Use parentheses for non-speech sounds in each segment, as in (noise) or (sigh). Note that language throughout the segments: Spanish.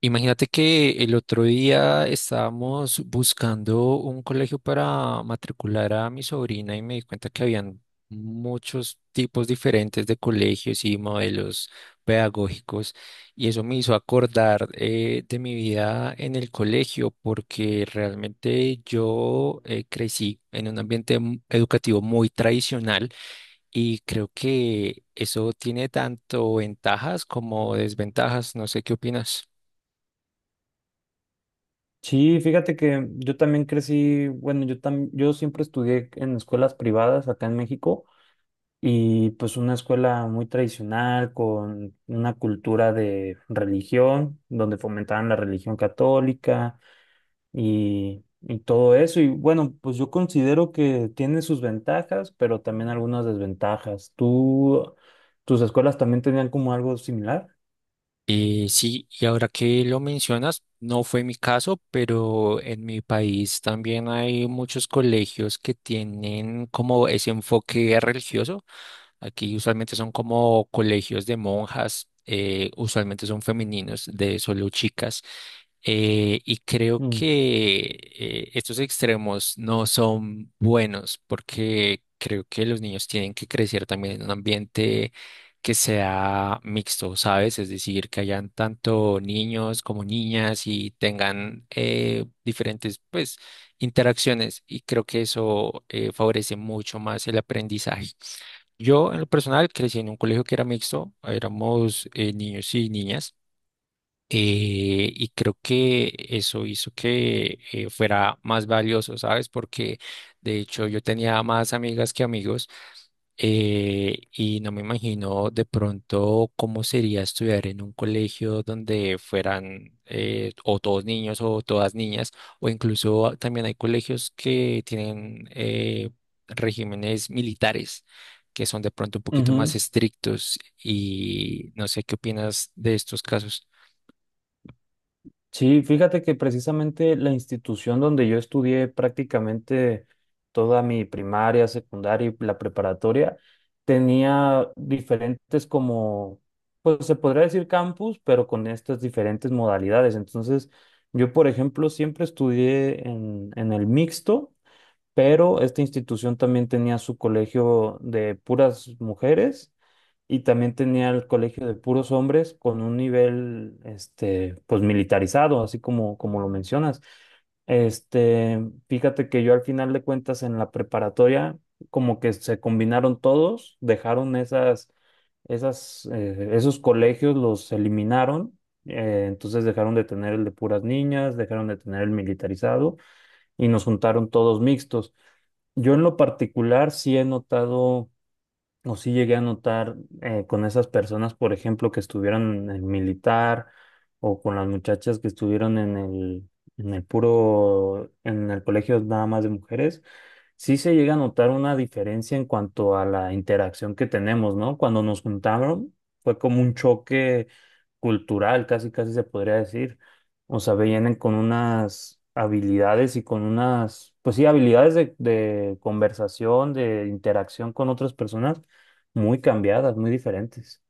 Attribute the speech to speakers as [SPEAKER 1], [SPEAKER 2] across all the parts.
[SPEAKER 1] Imagínate que el otro día estábamos buscando un colegio para matricular a mi sobrina y me di cuenta que habían muchos tipos diferentes de colegios y modelos pedagógicos y eso me hizo acordar de mi vida en el colegio porque realmente yo crecí en un ambiente educativo muy tradicional y creo que eso tiene tanto ventajas como desventajas. No sé qué opinas.
[SPEAKER 2] Sí, fíjate que yo también crecí, bueno, yo siempre estudié en escuelas privadas acá en México y pues una escuela muy tradicional con una cultura de religión, donde fomentaban la religión católica y todo eso. Y bueno, pues yo considero que tiene sus ventajas, pero también algunas desventajas. ¿Tú, tus escuelas también tenían como algo similar?
[SPEAKER 1] Sí, y ahora que lo mencionas, no fue mi caso, pero en mi país también hay muchos colegios que tienen como ese enfoque religioso. Aquí usualmente son como colegios de monjas, usualmente son femeninos, de solo chicas. eh, y creo
[SPEAKER 2] Mm,
[SPEAKER 1] que eh, estos extremos no son buenos porque creo que los niños tienen que crecer también en un ambiente que sea mixto, ¿sabes? Es decir, que hayan tanto niños como niñas y tengan diferentes, pues, interacciones y creo que eso favorece mucho más el aprendizaje. Yo, en lo personal, crecí en un colegio que era mixto, éramos niños y niñas. Y creo que eso hizo que fuera más valioso, ¿sabes? Porque de hecho yo tenía más amigas que amigos y no me imagino de pronto cómo sería estudiar en un colegio donde fueran o todos niños o todas niñas, o incluso ah, también hay colegios que tienen regímenes militares, que son de pronto un poquito más
[SPEAKER 2] ujú.
[SPEAKER 1] estrictos, y no sé qué opinas de estos casos.
[SPEAKER 2] Sí, fíjate que precisamente la institución donde yo estudié prácticamente toda mi primaria, secundaria y la preparatoria tenía diferentes como, pues se podría decir campus, pero con estas diferentes modalidades. Entonces, yo, por ejemplo, siempre estudié en el mixto, pero esta institución también tenía su colegio de puras mujeres y también tenía el colegio de puros hombres con un nivel, este, pues militarizado, así como, como lo mencionas. Este, fíjate que yo al final de cuentas en la preparatoria, como que se combinaron todos, dejaron esas, esos colegios, los eliminaron, entonces dejaron de tener el de puras niñas, dejaron de tener el militarizado y nos juntaron todos mixtos. Yo en lo particular sí he notado o sí llegué a notar con esas personas, por ejemplo, que estuvieron en el militar o con las muchachas que estuvieron en el, en el colegio nada más de mujeres, sí se llega a notar una diferencia en cuanto a la interacción que tenemos, ¿no? Cuando nos juntaron fue como un choque cultural, casi casi se podría decir. O sea, vienen con unas habilidades y con unas, pues sí, habilidades de conversación, de interacción con otras personas muy cambiadas, muy diferentes.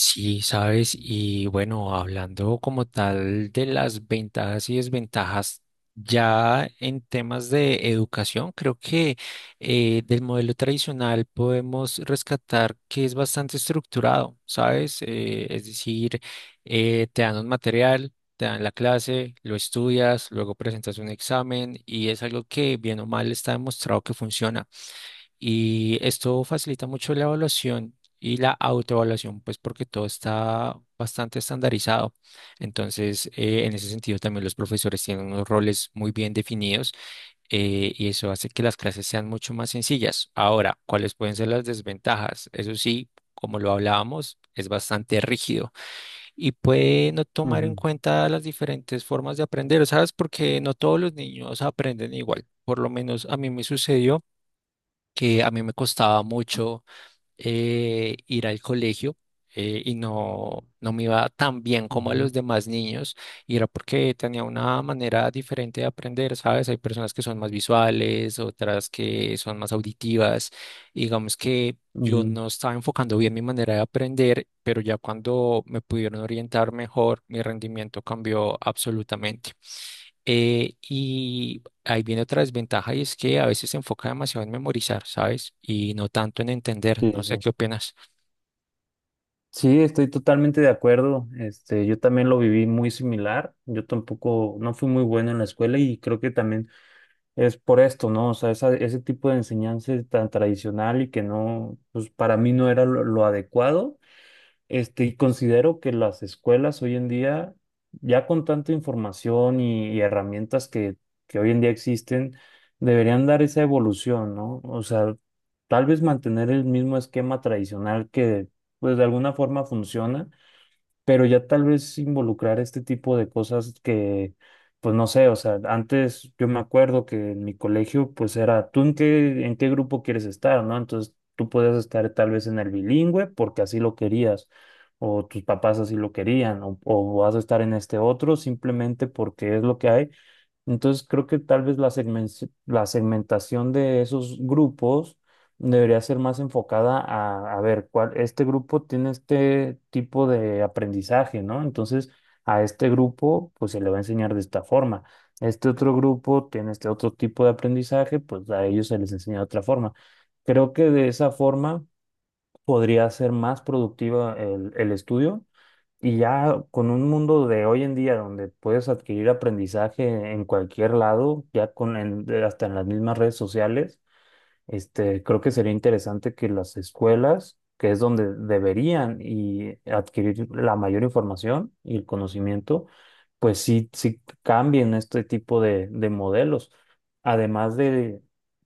[SPEAKER 1] Sí, sabes, y bueno, hablando como tal de las ventajas y desventajas ya en temas de educación, creo que del modelo tradicional podemos rescatar que es bastante estructurado, ¿sabes? Es decir, te dan un material, te dan la clase, lo estudias, luego presentas un examen y es algo que bien o mal está demostrado que funciona. Y esto facilita mucho la evaluación y la autoevaluación, pues porque todo está bastante estandarizado. Entonces, en ese sentido, también los profesores tienen unos roles muy bien definidos y eso hace que las clases sean mucho más sencillas. Ahora, ¿cuáles pueden ser las desventajas? Eso sí, como lo hablábamos, es bastante rígido y puede no tomar en
[SPEAKER 2] Ujú,
[SPEAKER 1] cuenta las diferentes formas de aprender, ¿sabes? Porque no todos los niños aprenden igual. Por lo menos a mí me sucedió que a mí me costaba mucho ir al colegio y no, me iba tan bien como a los
[SPEAKER 2] ujú,
[SPEAKER 1] demás niños y era porque tenía una manera diferente de aprender, ¿sabes? Hay personas que son más visuales, otras que son más auditivas, y digamos que... Yo
[SPEAKER 2] ujú.
[SPEAKER 1] no estaba enfocando bien mi manera de aprender, pero ya cuando me pudieron orientar mejor, mi rendimiento cambió absolutamente. Eh, y Ahí viene otra desventaja y es que a veces se enfoca demasiado en memorizar, ¿sabes? Y no tanto en entender.
[SPEAKER 2] Sí,
[SPEAKER 1] No
[SPEAKER 2] sí.
[SPEAKER 1] sé
[SPEAKER 2] Sí,
[SPEAKER 1] qué opinas.
[SPEAKER 2] Sí, estoy totalmente de acuerdo. Este, yo también lo viví muy similar. Yo tampoco, no fui muy bueno en la escuela y creo que también es por esto, ¿no? O sea, ese tipo de enseñanza tan tradicional y que no, pues para mí no era lo adecuado. Este, y considero que las escuelas hoy en día, ya con tanta información y herramientas que hoy en día existen, deberían dar esa evolución, ¿no? O sea, tal vez mantener el mismo esquema tradicional que, pues, de alguna forma funciona pero ya tal vez involucrar este tipo de cosas que, pues no sé, o sea, antes yo me acuerdo que en mi colegio pues era, ¿tú en qué grupo quieres estar, no? Entonces tú podías estar tal vez en el bilingüe porque así lo querías, o tus papás así lo querían, o vas a estar en este otro simplemente porque es lo que hay entonces creo que tal vez la segmentación de esos grupos debería ser más enfocada a ver cuál, este grupo tiene este tipo de aprendizaje, ¿no? Entonces a este grupo pues se le va a enseñar de esta forma. Este otro grupo tiene este otro tipo de aprendizaje, pues a ellos se les enseña de otra forma. Creo que de esa forma podría ser más productiva el estudio y ya con un mundo de hoy en día donde puedes adquirir aprendizaje en cualquier lado, ya con hasta en las mismas redes sociales, este, creo que sería interesante que las escuelas, que es donde deberían y adquirir la mayor información y el conocimiento, pues sí, sí cambien este tipo de modelos. Además de,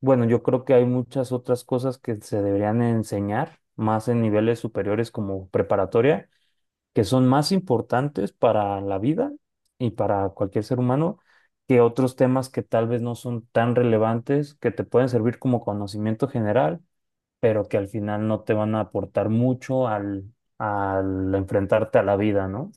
[SPEAKER 2] bueno, yo creo que hay muchas otras cosas que se deberían enseñar más en niveles superiores como preparatoria que son más importantes para la vida y para cualquier ser humano que otros temas que tal vez no son tan relevantes, que te pueden servir como conocimiento general, pero que al final no te van a aportar mucho al, al enfrentarte a la vida, ¿no?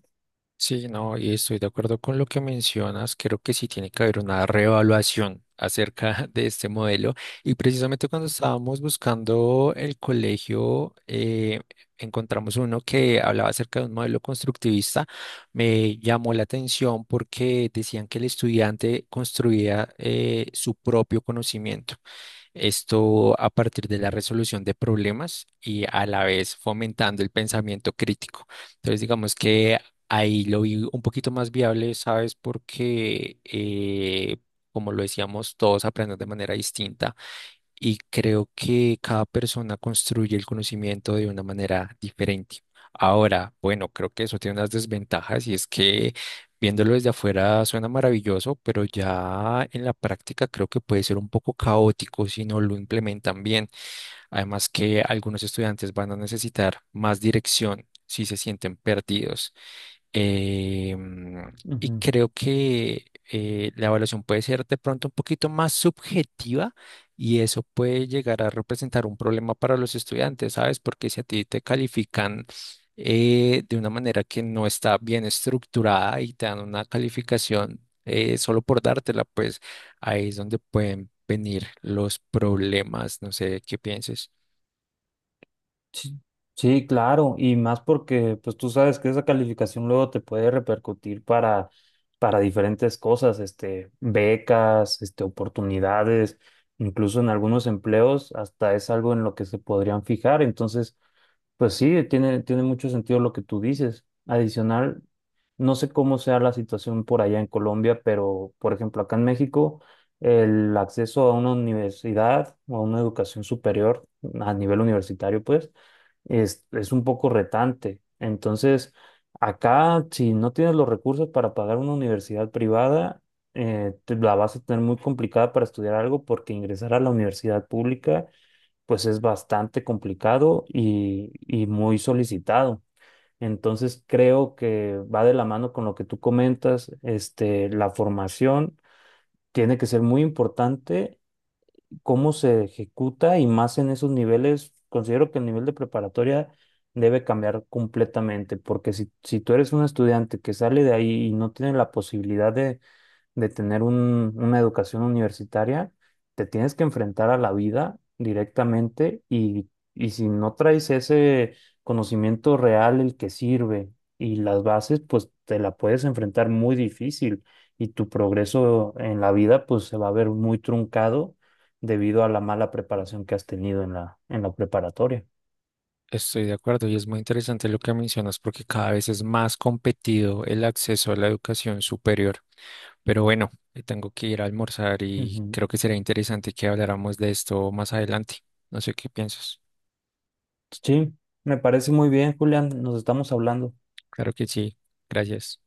[SPEAKER 1] Sí, no, y estoy de acuerdo con lo que mencionas. Creo que sí tiene que haber una reevaluación acerca (laughs) de este modelo. Y precisamente cuando estábamos buscando el colegio, encontramos uno que hablaba acerca de un modelo constructivista. Me llamó la atención porque decían que el estudiante construía su propio conocimiento. Esto a partir de la resolución de problemas y a la vez fomentando el pensamiento crítico. Entonces, digamos que ahí lo vi un poquito más viable, ¿sabes? Porque, como lo decíamos, todos aprenden de manera distinta y creo que cada persona construye el conocimiento de una manera diferente. Ahora, bueno, creo que eso tiene unas desventajas y es que viéndolo desde afuera suena maravilloso, pero ya en la práctica creo que puede ser un poco caótico si no lo implementan bien. Además que algunos estudiantes van a necesitar más dirección si se sienten perdidos. Eh, mm, y
[SPEAKER 2] Ujú.
[SPEAKER 1] creo que eh, la evaluación puede ser de pronto un poquito más subjetiva y eso puede llegar a representar un problema para los estudiantes, ¿sabes? Porque si a ti te califican de una manera que no está bien estructurada y te dan una calificación solo por dártela, pues ahí es donde pueden venir los problemas, no sé qué pienses.
[SPEAKER 2] Sí, sí, claro, y más porque pues tú sabes que esa calificación luego te puede repercutir para diferentes cosas, este, becas, este, oportunidades, incluso en algunos empleos hasta es algo en lo que se podrían fijar. Entonces, pues sí, tiene, tiene mucho sentido lo que tú dices. Adicional, no sé cómo sea la situación por allá en Colombia, pero por ejemplo, acá en México, el acceso a una universidad o a una educación superior a nivel universitario, pues, es un poco retante. Entonces, acá, si no tienes los recursos para pagar una universidad privada, te la vas a tener muy complicada para estudiar algo porque ingresar a la universidad pública pues es bastante complicado y muy solicitado. Entonces creo que va de la mano con lo que tú comentas, este, la formación tiene que ser muy importante, cómo se ejecuta y más en esos niveles, considero que el nivel de preparatoria debe cambiar completamente, porque si, si tú eres un estudiante que sale de ahí y no tiene la posibilidad de tener una educación universitaria, te tienes que enfrentar a la vida directamente y si no traes ese conocimiento real, el que sirve y las bases, pues te la puedes enfrentar muy difícil y tu progreso en la vida pues se va a ver muy truncado debido a la mala preparación que has tenido en la preparatoria.
[SPEAKER 1] Estoy de acuerdo y es muy interesante lo que mencionas porque cada vez es más competido el acceso a la educación superior. Pero bueno, tengo que ir a almorzar y
[SPEAKER 2] Ujú.
[SPEAKER 1] creo que será interesante que habláramos de esto más adelante. No sé qué piensas.
[SPEAKER 2] Sí, me parece muy bien, Julián, nos estamos hablando.
[SPEAKER 1] Claro que sí. Gracias.